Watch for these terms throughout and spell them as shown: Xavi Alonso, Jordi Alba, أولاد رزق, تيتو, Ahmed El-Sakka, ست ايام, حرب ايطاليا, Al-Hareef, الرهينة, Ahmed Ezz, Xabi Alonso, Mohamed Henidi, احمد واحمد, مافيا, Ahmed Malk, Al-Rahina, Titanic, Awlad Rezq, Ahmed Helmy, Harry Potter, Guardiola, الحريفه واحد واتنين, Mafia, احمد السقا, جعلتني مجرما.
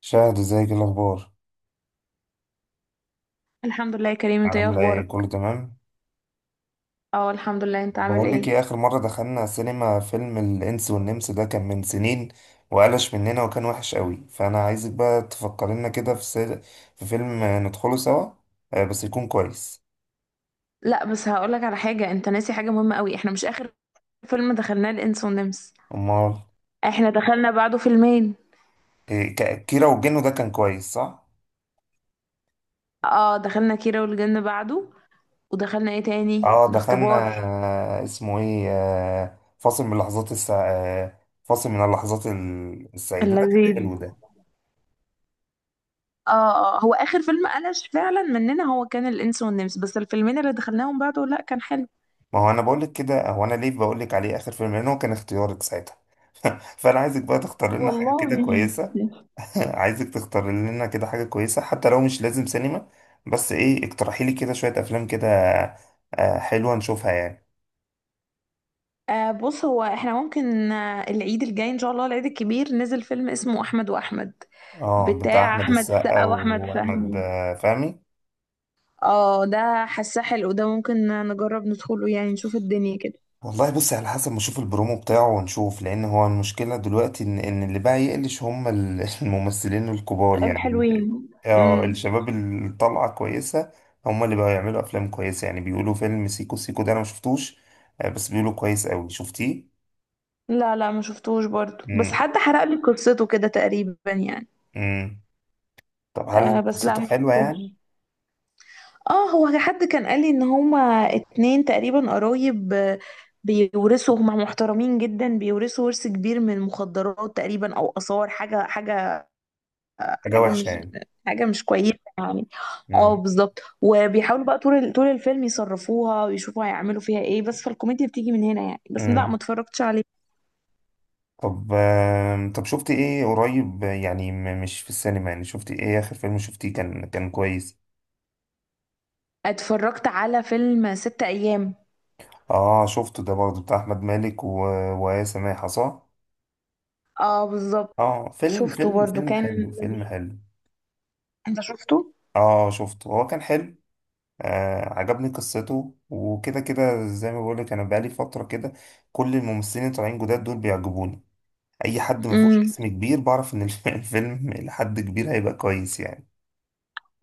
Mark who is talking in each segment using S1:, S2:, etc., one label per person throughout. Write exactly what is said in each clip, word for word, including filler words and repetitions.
S1: شاهد، ازيك؟ ايه الاخبار؟
S2: الحمد لله يا كريم، انت ايه
S1: عامله ايه؟ كله
S2: اخبارك؟
S1: تمام؟
S2: اه، الحمد لله. انت عامل
S1: بقول لك
S2: ايه؟
S1: ايه، اخر مره دخلنا سينما فيلم الانس والنمس ده كان من سنين وقلش مننا وكان وحش قوي، فانا عايزك بقى تفكر لنا كده في سل... في فيلم ندخله سوا. آه، بس يكون كويس.
S2: لا، بس هقولك على حاجه. انت ناسي حاجه مهمه قوي. احنا مش اخر فيلم دخلناه الانس والنمس،
S1: امال؟
S2: احنا دخلنا بعده فيلمين.
S1: إيه، ك- كيرة والجن ده كان كويس، صح؟
S2: اه، دخلنا كيرة والجن بعده، ودخلنا ايه تاني،
S1: اه، دخلنا.
S2: الاختبار
S1: آه، اسمه ايه؟ آه، فاصل من لحظات السع... آه، فاصل من اللحظات ال- السعيده، ده كان
S2: اللذيذ.
S1: حلو ده.
S2: اه اه، هو اخر فيلم قلش فعلا مننا هو كان الانس والنمس، بس الفيلمين اللي دخلناهم بعده لا، كان حلو.
S1: ما هو انا بقول لك كده، هو انا ليه بقول لك عليه اخر فيلم؟ لان هو كان اختيارك ساعتها. فانا عايزك بقى تختار لنا حاجه
S2: والله،
S1: كده كويسه. عايزك تختار لنا كده حاجه كويسه، حتى لو مش لازم سينما. بس ايه، اقترحي لي كده شويه افلام كده. آه، حلوه نشوفها يعني.
S2: آه، بص، هو احنا ممكن آه العيد الجاي ان شاء الله العيد الكبير نزل فيلم اسمه احمد واحمد،
S1: اه، بتاع
S2: بتاع
S1: احمد
S2: احمد
S1: السقا.
S2: السقا واحمد
S1: واحمد
S2: فهمي.
S1: آه، فهمي.
S2: اه، ده حاساه حلو، ده ممكن نجرب ندخله يعني، نشوف الدنيا كده.
S1: والله بص، على حسب ما اشوف البرومو بتاعه ونشوف. لان هو المشكله دلوقتي ان ان اللي بقى يقلش هم ال- الممثلين الكبار، يعني ال-
S2: الحلوين.
S1: اه،
S2: امم.
S1: الشباب اللي طالعه كويسه. هم اللي بقوا يعملوا افلام كويسه. يعني بيقولوا فيلم سيكو سيكو ده، انا ما شفتوش. آه، بس بيقولوا كويس قوي. شفتيه؟
S2: لا لا، ما شفتوش برضو، بس
S1: امم.
S2: حد حرق لي قصته كده تقريبا يعني.
S1: امم. طب هل
S2: آه، بس لا،
S1: قصته
S2: ما
S1: حلوه يعني؟
S2: شفتوش. اه، هو حد كان قال لي ان هما اتنين تقريبا قرايب آه، بيورثوا، هما محترمين جدا، بيورثوا ورث كبير من المخدرات تقريبا او اثار، حاجه، حاجه،
S1: حاجه
S2: حاجه
S1: وحشه
S2: مش
S1: يعني؟
S2: حاجه مش كويسه يعني. اه
S1: امم.
S2: بالظبط، وبيحاولوا بقى طول ال- طول الفيلم يصرفوها ويشوفوا هيعملوا فيها ايه، بس فالكوميديا بتيجي من هنا يعني، بس لا،
S1: امم.
S2: ما اتفرجتش عليه.
S1: طب، آم، طب شفت ايه قريب يعني؟ م- مش في السينما يعني. شفت ايه اخر فيلم شفتيه كان كان كويس؟
S2: اتفرجت على فيلم ست ايام.
S1: اه، شفته ده برضه، بتاع احمد مالك و... وآية سماحة، صح؟
S2: اه بالظبط.
S1: اه، فيلم
S2: شفته
S1: فيلم
S2: برضو،
S1: فيلم
S2: كان
S1: حلو. فيلم
S2: لذيذ.
S1: حلو.
S2: انت شفته؟
S1: اه، شفته، هو كان حلو. آه، عجبني قصته وكده كده. زي ما بقولك، انا بقالي فترة كده كل الممثلين اللي طالعين جداد دول بيعجبوني. اي حد ما فيهوش
S2: امم.
S1: اسم كبير، بعرف ان الف- الفيلم لحد كبير هيبقى كويس يعني.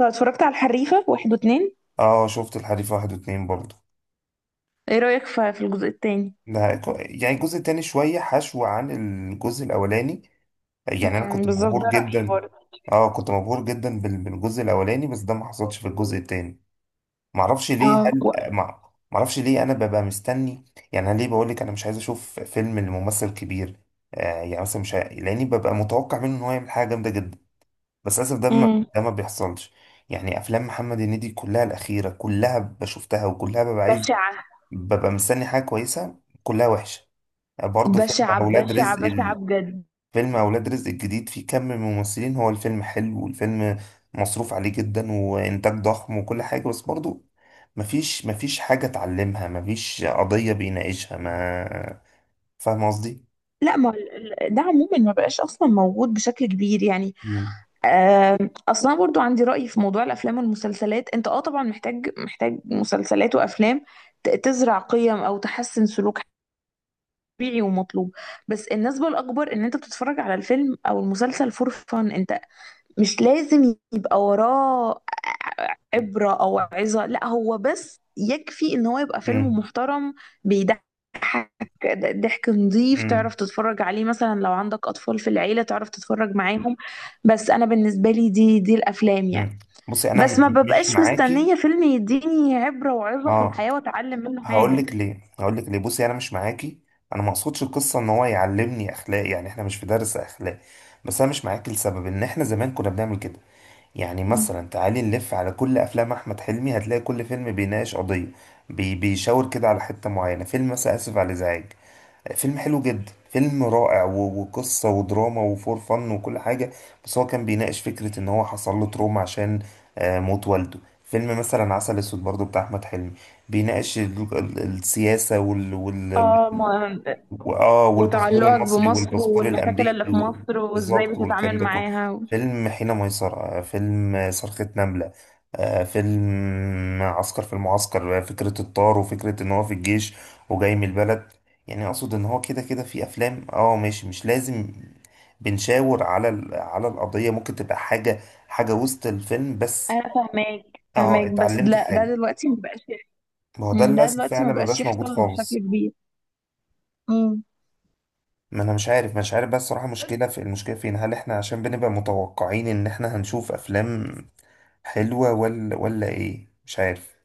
S2: اتفرجت على الحريفه واحد واتنين.
S1: اه، شفت الحريف واحد واتنين برضه.
S2: ايه رأيك في في الجزء التاني؟
S1: ده، يعني الجزء التاني شوية حشو عن الجزء الأولاني. يعني انا
S2: امم،
S1: كنت
S2: بالظبط، ده
S1: مبهور
S2: رأيي
S1: جدا.
S2: برضه.
S1: اه، كنت مبهور جدا بال- بالجزء الاولاني، بس ده ما حصلش في الجزء التاني. معرفش ليه.
S2: اه
S1: هل
S2: و...
S1: مع معرفش ليه انا ببقى مستني؟ يعني انا ليه بقول لك انا مش عايز اشوف فيلم لممثل كبير. آه، يعني مثلا مش ه- لاني ببقى متوقع منه ان هو يعمل حاجه جامده جدا، بس للاسف ده ما
S2: امم.
S1: ده ما بيحصلش. يعني افلام محمد هنيدي كلها الاخيره، كلها بشوفتها، وكلها ببقى عايز،
S2: بشعة
S1: ببقى مستني حاجه كويسه. كلها وحشه. برضه فيلم
S2: بشعة
S1: اولاد
S2: بشعة
S1: رزق،
S2: بشعة بجد.
S1: فيلم أولاد رزق الجديد فيه كم من ممثلين، هو الفيلم حلو، والفيلم مصروف عليه جدا وإنتاج ضخم وكل حاجة، بس برضو مفيش مفيش حاجة اتعلمها، مفيش قضية بيناقشها. ما فاهم قصدي؟
S2: لا، ما ال- ال- ده عموما ما بقاش اصلا موجود بشكل كبير يعني.
S1: مم.
S2: آم، اصلا برضو عندي رأي في موضوع الافلام والمسلسلات. انت اه طبعا محتاج محتاج مسلسلات وافلام ت- تزرع قيم او تحسن سلوك، طبيعي ومطلوب. بس النسبة الاكبر ان انت بتتفرج على الفيلم او المسلسل فور فان، انت مش لازم يبقى وراه عبرة أو عظة، لا، هو بس يكفي إن هو يبقى فيلم
S1: مم.
S2: محترم، بيضحك ضحك نظيف،
S1: مم.
S2: تعرف تتفرج عليه، مثلا لو عندك أطفال في العيلة، تعرف تتفرج معاهم. بس أنا بالنسبة لي دي دي الأفلام يعني.
S1: مم. بصي، أنا
S2: بس ما
S1: م- مش
S2: ببقاش
S1: معاكي.
S2: مستنية فيلم يديني عبرة وعظة في
S1: اه،
S2: الحياة وأتعلم منه
S1: هقول
S2: حاجة.
S1: لك ليه هقول لك ليه بصي، أنا مش معاكي. أنا ما أقصدش القصة إن هو يعلمني أخلاق، يعني إحنا مش في درس أخلاق. بس أنا مش معاكي لسبب إن إحنا زمان كنا بنعمل كده. يعني مثلا تعالي نلف على كل افلام احمد حلمي، هتلاقي كل فيلم بيناقش قضيه، بي بيشاور كده على حته معينه. فيلم مثلا اسف على الازعاج، فيلم حلو جدا، فيلم رائع، و- وقصه ودراما وفور فن وكل حاجه. بس هو كان بيناقش فكره ان هو حصل له تروما عشان آه، موت والده. فيلم مثلا عسل اسود برضه، بتاع احمد حلمي، بيناقش ال- ال- السياسه، وال وال
S2: اه ما
S1: واه والباسبور
S2: وتعلقك
S1: المصري
S2: بمصر
S1: والباسبور
S2: والمشاكل اللي
S1: الامريكي
S2: في
S1: و-
S2: مصر وازاي
S1: بالظبط، والكلام
S2: بتتعامل
S1: ده كله.
S2: معاها.
S1: فيلم حين ميسرة، آه، فيلم صرخة نملة، آه، فيلم عسكر في المعسكر، آه، فكرة الطار وفكرة ان هو في الجيش وجاي من البلد. يعني اقصد ان هو كده كده في افلام، اه ماشي، مش لازم بنشاور على ال- على القضية، ممكن تبقى حاجة، حاجة وسط الفيلم بس.
S2: انا فاهماك
S1: اه،
S2: فاهماك، بس
S1: اتعلمت
S2: لا، ده
S1: حاجة.
S2: دلوقتي ما بقاش.
S1: ما هو ده
S2: مم، ده
S1: للاسف
S2: دلوقتي ما
S1: فعلا ما
S2: بقاش
S1: بقاش موجود
S2: يحصل بشكل
S1: خالص.
S2: كبير. امم.
S1: ما انا مش عارف مش عارف بس الصراحه، مشكله في، المشكله فين؟ هل احنا عشان بنبقى متوقعين ان احنا هنشوف افلام حلوه ولا ولا ايه؟ مش عارف.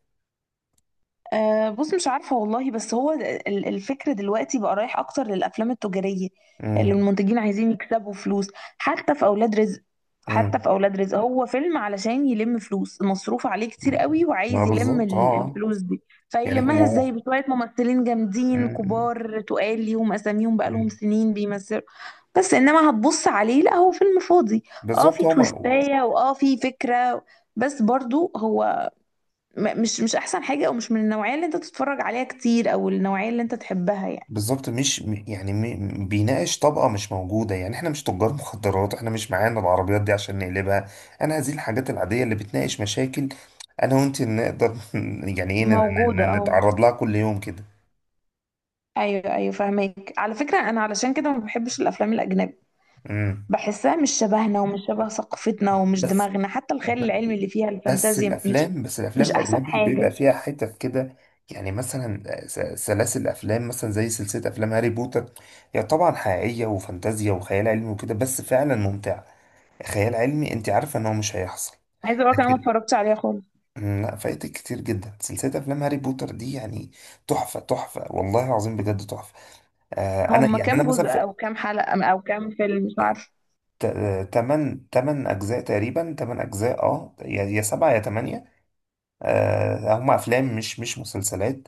S2: أه، بص، مش عارفة والله، بس هو ال- الفكر دلوقتي بقى رايح أكتر للأفلام التجارية، اللي
S1: امم.
S2: المنتجين عايزين يكسبوا فلوس. حتى في أولاد رزق حتى
S1: امم.
S2: في أولاد رزق هو فيلم علشان يلم فلوس، مصروف عليه كتير
S1: إمم.
S2: قوي
S1: ما
S2: وعايز يلم
S1: بالظبط، اه.
S2: ال-
S1: آه.
S2: الفلوس دي.
S1: يعني هو
S2: فيلمها ازاي
S1: هو.
S2: بشوية ممثلين جامدين
S1: مم.
S2: كبار، تقال ليهم أساميهم بقالهم
S1: مم.
S2: سنين بيمثلوا، بس إنما هتبص عليه، لا هو فيلم فاضي. اه،
S1: بالظبط،
S2: في
S1: هو ما-
S2: تويستاية، واه في فكرة، بس برضو هو م- مش مش احسن حاجة، او مش من النوعية اللي انت تتفرج عليها كتير، او النوعية اللي انت تحبها يعني.
S1: بالظبط، مش م- يعني م- بيناقش طبقه مش موجوده. يعني احنا مش تجار مخدرات، احنا مش معانا العربيات دي عشان نقلبها. انا هذه الحاجات العاديه اللي بتناقش مشاكل انا وانت نقدر يعني ايه ن-
S2: موجودة
S1: ن-
S2: اه.
S1: نتعرض لها كل يوم كده.
S2: ايوه ايوه، فاهمك. على فكرة انا علشان كده ما بحبش الافلام الاجنبي،
S1: امم.
S2: بحسها مش شبهنا ومش شبه ثقافتنا ومش
S1: بس،
S2: دماغنا، حتى الخيال العلمي اللي فيها
S1: بس
S2: الفانتازيا مش
S1: الافلام بس الافلام
S2: مش احسن
S1: الاجنبي بيبقى
S2: حاجة.
S1: فيها حتت كده. يعني مثلا س- سلاسل افلام، مثلا زي سلسله افلام هاري بوتر. هي يعني طبعا حقيقيه وفانتازيا وخيال علمي وكده، بس فعلا ممتعه. خيال علمي، انت عارفه ان هو مش هيحصل،
S2: عايزة اقول لك، انا ما
S1: لكن.
S2: اتفرجتش عليها خالص.
S1: مم، لا، فايتك كتير جدا سلسله افلام هاري بوتر دي يعني. تحفه تحفه والله العظيم، بجد تحفه. آه، انا
S2: هم
S1: يعني انا
S2: كام
S1: مثلا
S2: جزء
S1: في
S2: او كام حلقة او كام فيلم، مش
S1: تمانية تمانية اجزاء تقريبا، تمانية اجزاء، اه، يا سبعة يا تمانية. آه، هم افلام، مش مش مسلسلات.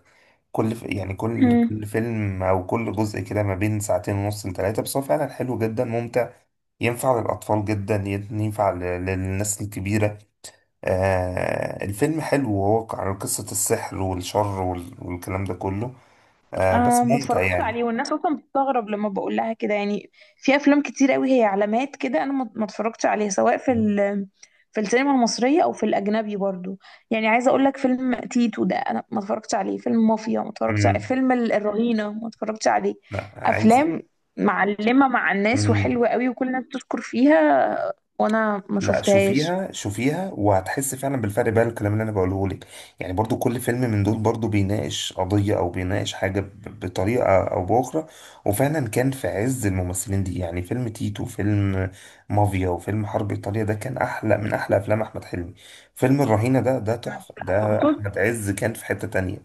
S1: كل ف- يعني كل
S2: عارفة.
S1: كل فيلم او كل جزء، كده ما بين ساعتين ونص لثلاثه. بس هو فعلا حلو جدا، ممتع. ينفع للاطفال جدا، ينفع ل- للناس الكبيره. آه، الفيلم حلو، وهو عن قصه السحر والشر وال- والكلام ده كله. آه،
S2: آه،
S1: بس
S2: ما
S1: ممتع
S2: اتفرجتش
S1: يعني.
S2: عليه، والناس اصلا بتستغرب لما بقول لها كده يعني. في افلام كتير قوي هي علامات كده، انا ما ما اتفرجتش عليها، سواء في ال في السينما المصريه او في الاجنبي برضو. يعني عايزه اقول لك، فيلم تيتو ده انا ما اتفرجتش عليه، فيلم مافيا ما اتفرجتش عليه،
S1: امم.
S2: فيلم ال- الرهينه ما اتفرجتش عليه.
S1: لا، عايز.
S2: افلام معلمه مع الناس
S1: مم.
S2: وحلوه قوي، وكل الناس بتشكر فيها، وانا ما
S1: لا،
S2: شفتهاش.
S1: شوفيها شوفيها وهتحس فعلا بالفرق. بقى الكلام اللي انا بقوله لك، يعني برضو كل فيلم من دول برضو بيناقش قضية، او بيناقش حاجة ب- بطريقة او باخرى. وفعلا كان في عز الممثلين دي. يعني فيلم تيتو، فيلم مافيا، وفيلم حرب ايطاليا ده كان احلى من احلى افلام احمد حلمي. فيلم الرهينة ده ده تحفة ده، آه.
S2: تقصد؟
S1: احمد عز كان في حتة تانية.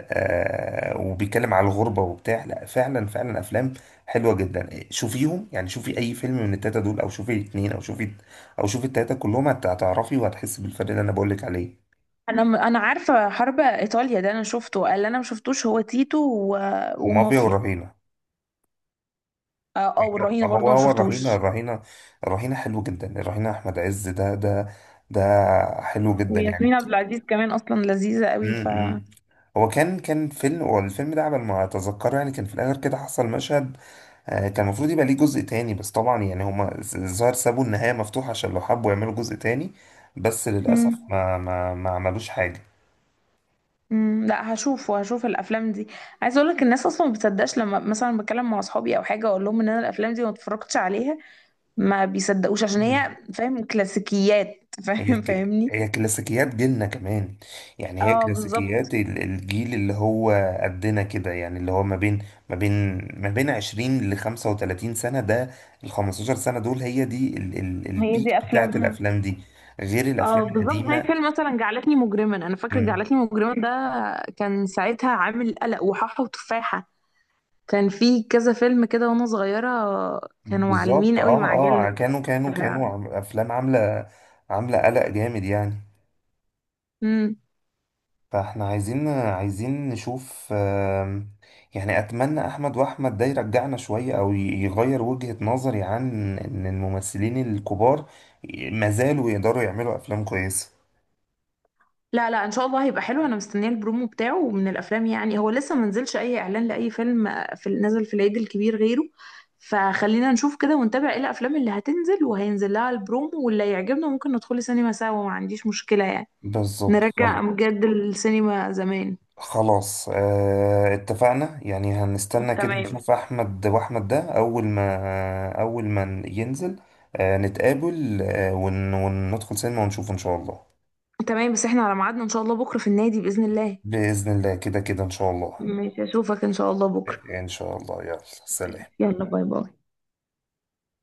S1: آه وبيتكلم على الغربة وبتاع. لا فعلا، فعلا أفلام حلوة جدا. شوفيهم يعني، شوفي أي فيلم من التلاتة دول، أو شوفي الاتنين، أو شوفي، أو شوفي التلاتة كلهم. هت- هتعرفي وهتحسي بالفرق اللي أنا بقولك عليه.
S2: انا م- انا عارفه حرب ايطاليا، ده انا شفته، اللي انا ما شفتوش هو تيتو و-
S1: ومافيا
S2: ومافيا.
S1: والرهينة.
S2: اه، آه، والرهينة
S1: هو
S2: برضو ما
S1: هو الرهينة
S2: شفتوش.
S1: الرهينة، الرهينة حلو جدا. الرهينة أحمد عز، ده ده ده، حلو جدا يعني.
S2: وياسمين عبد العزيز كمان اصلا لذيذة
S1: م-
S2: قوي ف
S1: م. هو كان كان فيلم، والفيلم ده على ما أتذكره يعني كان في الآخر كده حصل مشهد. آه، كان المفروض يبقى ليه جزء تاني، بس طبعا يعني هما ز- الظاهر سابوا النهاية مفتوحة عشان لو حبوا يعملوا جزء تاني، بس للأسف
S2: مم.
S1: ما ما ما عملوش حاجة.
S2: مم. لا، هشوفه هشوف الافلام دي. عايزه اقول لك، الناس اصلا ما بتصدقش، لما مثلا بتكلم مع اصحابي او حاجه، اقول لهم ان انا الافلام دي ما اتفرجتش عليها، ما بيصدقوش، عشان
S1: مم.
S2: هي فاهم كلاسيكيات
S1: هي
S2: فاهم
S1: ك...
S2: فاهمني.
S1: هي كلاسيكيات جيلنا كمان. يعني هي
S2: اه بالظبط،
S1: كلاسيكيات ال- الجيل اللي هو قدنا كده، يعني اللي هو ما بين ما بين ما بين عشرين ل خمسة وتلاتين سنة ده، ال خمسة عشر سنة دول هي دي ال... ال...
S2: هي
S1: البيك
S2: دي
S1: بتاعت
S2: افلامها.
S1: الأفلام دي، غير
S2: اه
S1: الأفلام
S2: بالظبط، زي
S1: القديمة.
S2: فيلم مثلا جعلتني مجرما، انا فاكره
S1: مم.
S2: جعلتني مجرما ده كان ساعتها عامل قلق وحاحه وتفاحه، كان في كذا فيلم كده وانا صغيرة، كانوا
S1: بالظبط،
S2: معلمين قوي
S1: اه.
S2: مع
S1: اه،
S2: جيلنا.
S1: كانوا كانوا كانوا
S2: فعلا.
S1: عم- افلام عامله، عامله قلق جامد يعني.
S2: امم.
S1: فاحنا عايزين عايزين نشوف، آم، يعني اتمنى احمد واحمد ده يرجعنا شويه، او ي- يغير وجهة نظري عن ان الممثلين الكبار ما زالوا يقدروا يعملوا افلام كويسه.
S2: لا لا، ان شاء الله هيبقى حلو، انا مستنية البرومو بتاعه ومن الافلام. يعني هو لسه منزلش اي اعلان لاي فيلم في، نزل في العيد الكبير غيره، فخلينا نشوف كده ونتابع ايه الافلام اللي هتنزل وهينزل لها البرومو، واللي يعجبنا ممكن ندخل سينما سوا، ما عنديش مشكلة يعني،
S1: بالظبط، خلاص.
S2: نرجع بجد السينما زمان.
S1: خلاص، آه، اتفقنا. يعني هنستنى كده
S2: تمام.
S1: نشوف احمد واحمد ده اول ما اول ما ينزل. آه، نتقابل، آه ون وندخل سينما ونشوفه ان شاء الله.
S2: تمام، بس احنا على ميعادنا ان شاء الله بكرة في النادي بإذن الله.
S1: بإذن الله، كده كده ان شاء الله.
S2: ماشي يا شيخ. اشوفك ان شاء الله بكرة.
S1: ان شاء الله، يلا، سلام.
S2: يلا، باي باي.